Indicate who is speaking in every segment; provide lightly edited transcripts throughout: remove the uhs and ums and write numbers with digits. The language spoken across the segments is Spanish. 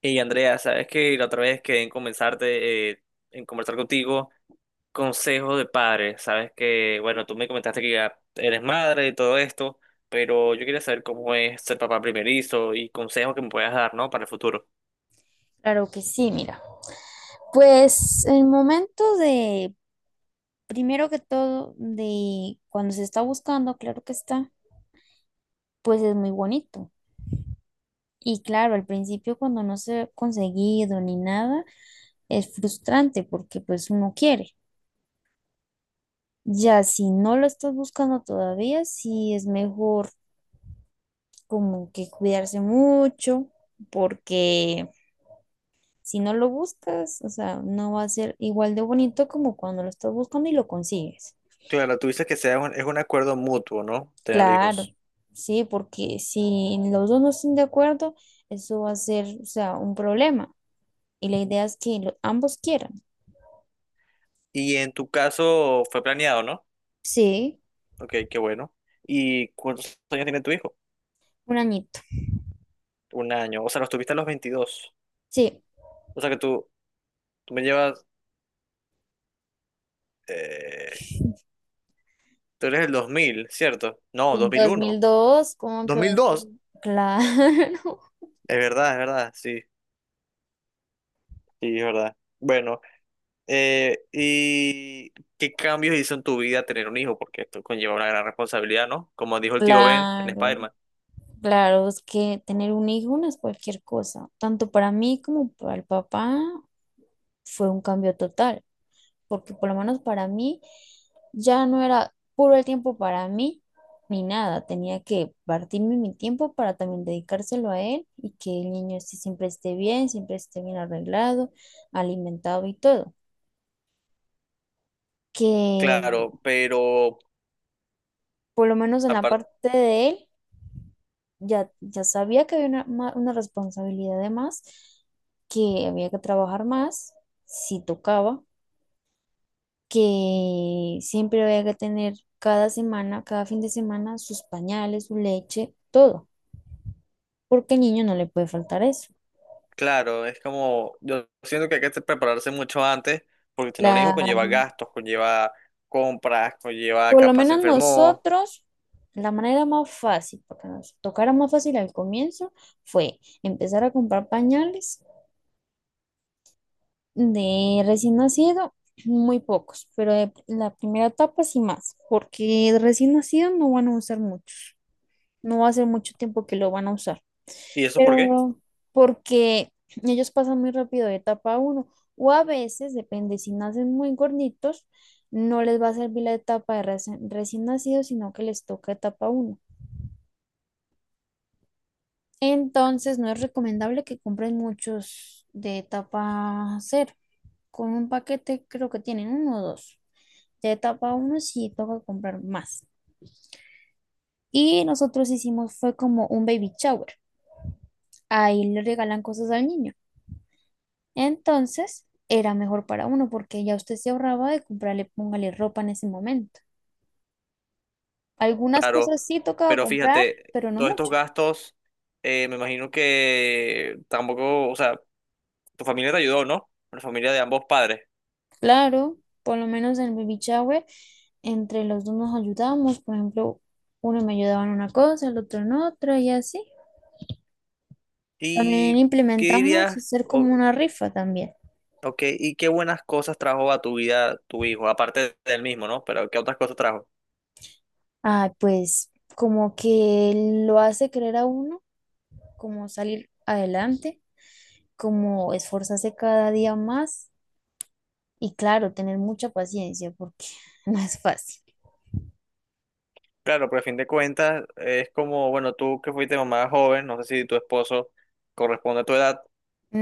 Speaker 1: Y Andrea, sabes que la otra vez quedé en comenzarte, en conversar contigo, consejos de padres. Sabes que, bueno, tú me comentaste que ya eres madre y todo esto, pero yo quería saber cómo es ser papá primerizo y consejos que me puedas dar, ¿no? Para el futuro.
Speaker 2: Claro que sí, mira. Pues el momento de, primero que todo, de cuando se está buscando, claro que está, pues es muy bonito. Y claro, al principio cuando no se ha conseguido ni nada, es frustrante porque pues uno quiere. Ya si no lo estás buscando todavía, sí es mejor como que cuidarse mucho porque si no lo buscas, o sea, no va a ser igual de bonito como cuando lo estás buscando y lo consigues.
Speaker 1: Claro, tú dices que sea es un acuerdo mutuo, ¿no? Tener
Speaker 2: Claro,
Speaker 1: hijos.
Speaker 2: sí, porque si los dos no están de acuerdo, eso va a ser, o sea, un problema. Y la idea es que ambos quieran.
Speaker 1: Y en tu caso fue planeado, ¿no?
Speaker 2: Sí,
Speaker 1: Ok, qué bueno. ¿Y cuántos años tiene tu hijo?
Speaker 2: un añito.
Speaker 1: 1 año. O sea, los tuviste a los 22.
Speaker 2: Sí,
Speaker 1: O sea que tú me llevas. Tú eres el 2000, ¿cierto? No, dos
Speaker 2: en
Speaker 1: mil
Speaker 2: mil
Speaker 1: uno
Speaker 2: dos, ¿como
Speaker 1: dos
Speaker 2: que
Speaker 1: mil
Speaker 2: dos mil?
Speaker 1: dos
Speaker 2: Claro,
Speaker 1: Es verdad, sí, sí, es verdad. Bueno, ¿y qué cambios hizo en tu vida tener un hijo? Porque esto conlleva una gran responsabilidad, ¿no? Como dijo el tío Ben en
Speaker 2: claro,
Speaker 1: Spider-Man.
Speaker 2: claro, es que tener un hijo no es cualquier cosa. Tanto para mí como para el papá fue un cambio total. Porque por lo menos para mí ya no era puro el tiempo para mí ni nada, tenía que partirme mi tiempo para también dedicárselo a él y que el niño sí siempre esté bien arreglado, alimentado y todo. Que
Speaker 1: Claro, pero
Speaker 2: por lo menos en la
Speaker 1: aparte,
Speaker 2: parte de él ya sabía que había una responsabilidad de más, que había que trabajar más si tocaba, que siempre había que tener cada semana, cada fin de semana, sus pañales, su leche, todo, porque al niño no le puede faltar eso.
Speaker 1: claro, es como, yo siento que hay que prepararse mucho antes, porque tener un hijo
Speaker 2: La,
Speaker 1: conlleva gastos, conlleva compras, conlleva
Speaker 2: por lo
Speaker 1: capaz se
Speaker 2: menos
Speaker 1: enfermó.
Speaker 2: nosotros, la manera más fácil, porque nos tocara más fácil al comienzo, fue empezar a comprar pañales de recién nacido. Muy pocos, pero de la primera etapa sí más, porque de recién nacido no van a usar muchos, no va a ser mucho tiempo que lo van a usar.
Speaker 1: ¿Y eso por
Speaker 2: Pero
Speaker 1: qué?
Speaker 2: no, porque ellos pasan muy rápido de etapa uno o a veces, depende, si nacen muy gorditos, no les va a servir la etapa de recién nacidos, sino que les toca etapa uno. Entonces, no es recomendable que compren muchos de etapa cero. Con un paquete creo que tienen uno o dos. De etapa uno sí toca comprar más. Y nosotros hicimos fue como un baby shower. Ahí le regalan cosas al niño. Entonces, era mejor para uno porque ya usted se ahorraba de comprarle, póngale ropa en ese momento. Algunas
Speaker 1: Claro,
Speaker 2: cosas sí tocaba
Speaker 1: pero
Speaker 2: comprar,
Speaker 1: fíjate,
Speaker 2: pero no
Speaker 1: todos estos
Speaker 2: mucho.
Speaker 1: gastos, me imagino que tampoco, o sea, tu familia te ayudó, ¿no? La familia de ambos padres.
Speaker 2: Claro, por lo menos en el baby shower, entre los dos nos ayudamos. Por ejemplo, uno me ayudaba en una cosa, el otro en otra y así.
Speaker 1: ¿Y
Speaker 2: También
Speaker 1: qué
Speaker 2: implementamos
Speaker 1: dirías,
Speaker 2: hacer como
Speaker 1: o,
Speaker 2: una rifa también.
Speaker 1: o qué- y qué buenas cosas trajo a tu vida tu hijo, aparte del mismo, ¿no? Pero ¿qué otras cosas trajo?
Speaker 2: Ah, pues como que lo hace creer a uno, como salir adelante, como esforzarse cada día más. Y claro, tener mucha paciencia porque no es fácil.
Speaker 1: Claro, pero a fin de cuentas es como, bueno, tú que fuiste mamá joven, no sé si tu esposo corresponde a tu edad,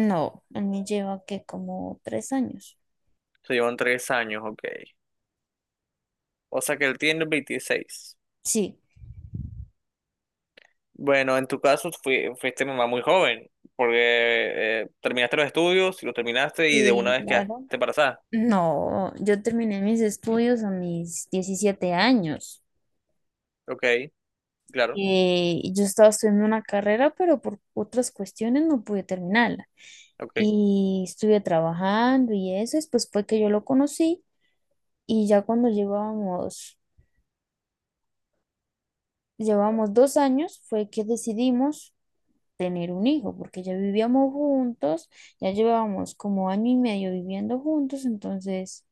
Speaker 2: No, a mí lleva que como 3 años.
Speaker 1: se llevan 3 años, ok. O sea que él tiene 26.
Speaker 2: Sí,
Speaker 1: Bueno, en tu caso fuiste mamá muy joven, porque terminaste los estudios, los terminaste y de una
Speaker 2: sí,
Speaker 1: vez quedaste
Speaker 2: claro.
Speaker 1: embarazada.
Speaker 2: No, yo terminé mis estudios a mis 17 años.
Speaker 1: Ok, claro,
Speaker 2: Yo estaba estudiando una carrera, pero por otras cuestiones no pude terminarla.
Speaker 1: ok,
Speaker 2: Y estuve trabajando y eso, después fue que yo lo conocí y ya cuando llevábamos 2 años fue que decidimos tener un hijo, porque ya vivíamos juntos, ya llevábamos como año y medio viviendo juntos, entonces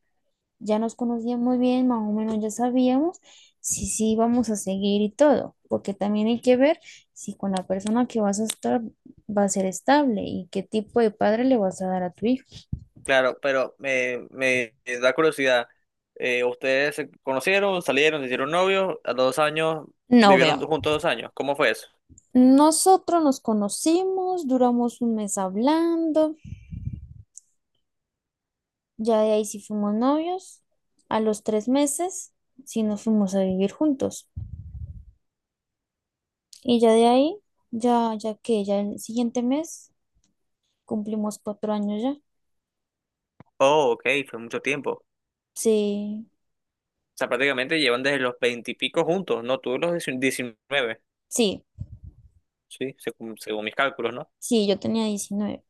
Speaker 2: ya nos conocíamos bien, más o menos ya sabíamos si sí íbamos a seguir y todo, porque también hay que ver si con la persona que vas a estar va a ser estable y qué tipo de padre le vas a dar a tu hijo.
Speaker 1: claro, pero me da curiosidad. ¿Ustedes se conocieron, salieron, se hicieron novios, a los 2 años,
Speaker 2: No
Speaker 1: vivieron
Speaker 2: veo.
Speaker 1: juntos 2 años? ¿Cómo fue eso?
Speaker 2: Nosotros nos conocimos, duramos un mes hablando, ya de ahí sí fuimos novios. A los 3 meses sí nos fuimos a vivir juntos. Y ya de ahí, ya que ya el siguiente mes cumplimos 4 años ya.
Speaker 1: Oh, ok, fue mucho tiempo. O
Speaker 2: Sí,
Speaker 1: sea, prácticamente llevan desde los veintipico juntos, ¿no? Tú los 19,
Speaker 2: sí,
Speaker 1: sí, según, según mis cálculos, ¿no?
Speaker 2: sí, yo tenía 19.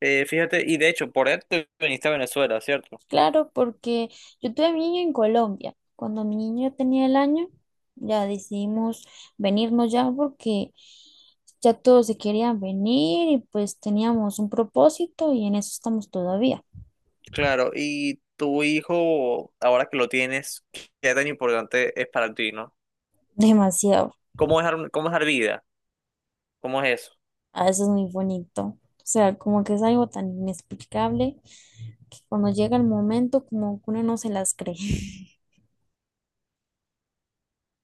Speaker 1: Fíjate, y de hecho, por eso te viniste a Venezuela, ¿cierto?
Speaker 2: Claro, porque yo tuve a mi niño en Colombia. Cuando mi niño tenía el año, ya decidimos venirnos ya porque ya todos se querían venir y pues teníamos un propósito y en eso estamos todavía.
Speaker 1: Claro, y tu hijo, ahora que lo tienes, ¿qué tan importante es para ti, no?
Speaker 2: Demasiado.
Speaker 1: ¿Cómo es, cómo es dar vida? ¿Cómo es eso?
Speaker 2: Ah, eso es muy bonito. O sea, como que es algo tan inexplicable que cuando llega el momento, como que uno no se las cree.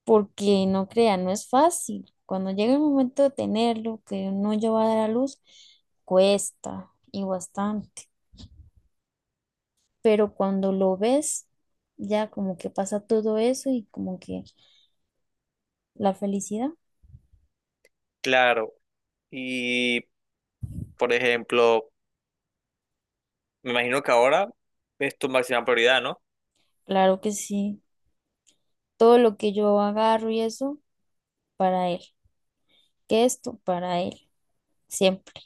Speaker 2: Porque no crea, no es fácil. Cuando llega el momento de tenerlo, que uno ya va a dar a luz, cuesta y bastante. Pero cuando lo ves, ya como que pasa todo eso y como que la felicidad,
Speaker 1: Claro, y por ejemplo, me imagino que ahora es tu máxima prioridad, ¿no?
Speaker 2: claro que sí. Todo lo que yo agarro y eso, para él. Que esto, para él, siempre.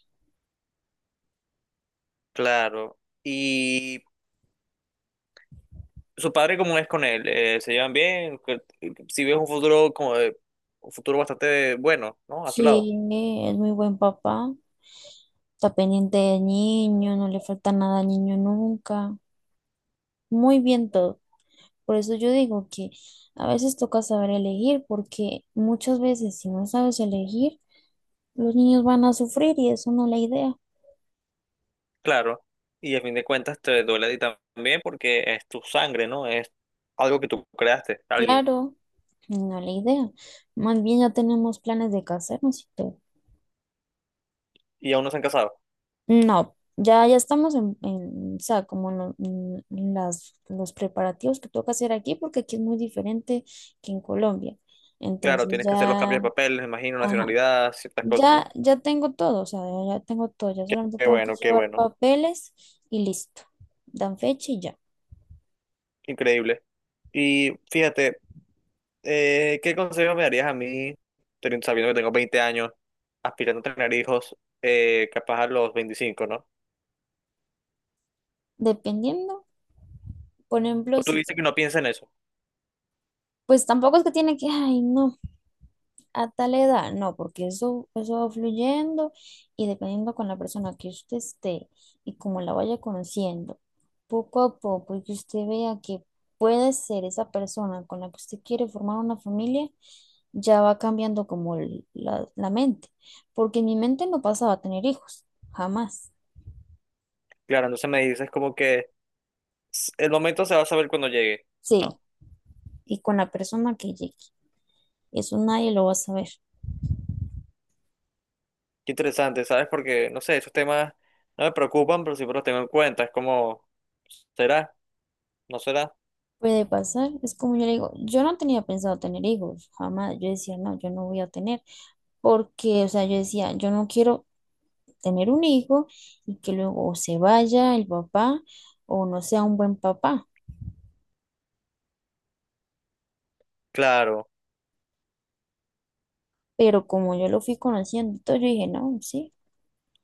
Speaker 1: Claro, y su padre, ¿cómo es con él? ¿Se llevan bien? Si ves un futuro un futuro bastante bueno, ¿no? A su
Speaker 2: Sí,
Speaker 1: lado,
Speaker 2: es muy buen papá. Está pendiente del niño, no le falta nada al niño nunca. Muy bien todo. Por eso yo digo que a veces toca saber elegir, porque muchas veces si no sabes elegir, los niños van a sufrir y eso no es la idea.
Speaker 1: claro. Y a fin de cuentas te duele a ti también porque es tu sangre, ¿no? Es algo que tú creaste, alguien.
Speaker 2: Claro, no es la idea. Más bien ya tenemos planes de casarnos y todo.
Speaker 1: Y aún no se han casado.
Speaker 2: No, ya estamos o sea, como en, los preparativos que toca hacer aquí, porque aquí es muy diferente que en Colombia.
Speaker 1: Claro,
Speaker 2: Entonces
Speaker 1: tienes que hacer los
Speaker 2: ya,
Speaker 1: cambios de papeles, me imagino,
Speaker 2: ajá,
Speaker 1: nacionalidad, ciertas cosas, ¿no?
Speaker 2: ya tengo todo, o sea, ya tengo todo, ya
Speaker 1: Qué,
Speaker 2: solamente
Speaker 1: qué
Speaker 2: tengo que
Speaker 1: bueno, qué
Speaker 2: llevar
Speaker 1: bueno.
Speaker 2: papeles y listo. Dan fecha y ya.
Speaker 1: Increíble. Y fíjate, ¿qué consejo me darías a mí, sabiendo que tengo 20 años, aspirando a tener hijos, capaz a los 25, ¿no?
Speaker 2: Dependiendo, por ejemplo,
Speaker 1: O tú dices que no pienses en eso.
Speaker 2: pues tampoco es que tiene que, ay, no. A tal edad, no, porque eso va fluyendo y dependiendo con la persona que usted esté y como la vaya conociendo, poco a poco, y que usted vea que puede ser esa persona con la que usted quiere formar una familia, ya va cambiando como la mente, porque en mi mente no pasaba a tener hijos, jamás.
Speaker 1: Claro, entonces me dices como que el momento se va a saber cuando llegue,
Speaker 2: Sí,
Speaker 1: ¿no?
Speaker 2: y con la persona que llegue, eso nadie lo va a saber.
Speaker 1: Qué interesante, ¿sabes? Porque, no sé, esos temas no me preocupan, pero siempre los tengo en cuenta. Es como, ¿será? ¿No será?
Speaker 2: Puede pasar, es como yo le digo, yo no tenía pensado tener hijos, jamás, yo decía, no, yo no voy a tener. Porque, o sea, yo decía, yo no quiero tener un hijo y que luego o se vaya el papá o no sea un buen papá.
Speaker 1: Claro.
Speaker 2: Pero como yo lo fui conociendo, y todo, yo dije, no, sí,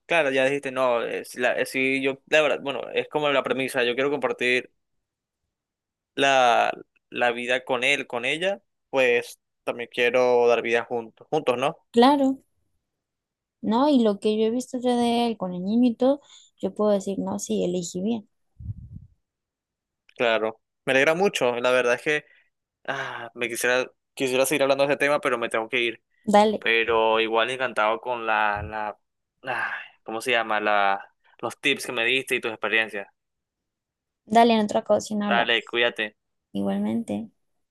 Speaker 1: Claro, ya dijiste, no, es la, sí, yo, la verdad, bueno, es como la premisa, yo quiero compartir la, la vida con él, con ella, pues también quiero dar vida juntos, juntos, ¿no?
Speaker 2: claro, no, y lo que yo he visto ya de él con el niño y todo, yo puedo decir, no, sí, elegí bien.
Speaker 1: Claro, me alegra mucho, la verdad es que ah, me quisiera seguir hablando de este tema, pero me tengo que ir,
Speaker 2: Dale,
Speaker 1: pero igual encantado con ah, ¿cómo se llama? Los tips que me diste y tus experiencias.
Speaker 2: dale, en otra ocasión habla.
Speaker 1: Dale, cuídate.
Speaker 2: Igualmente.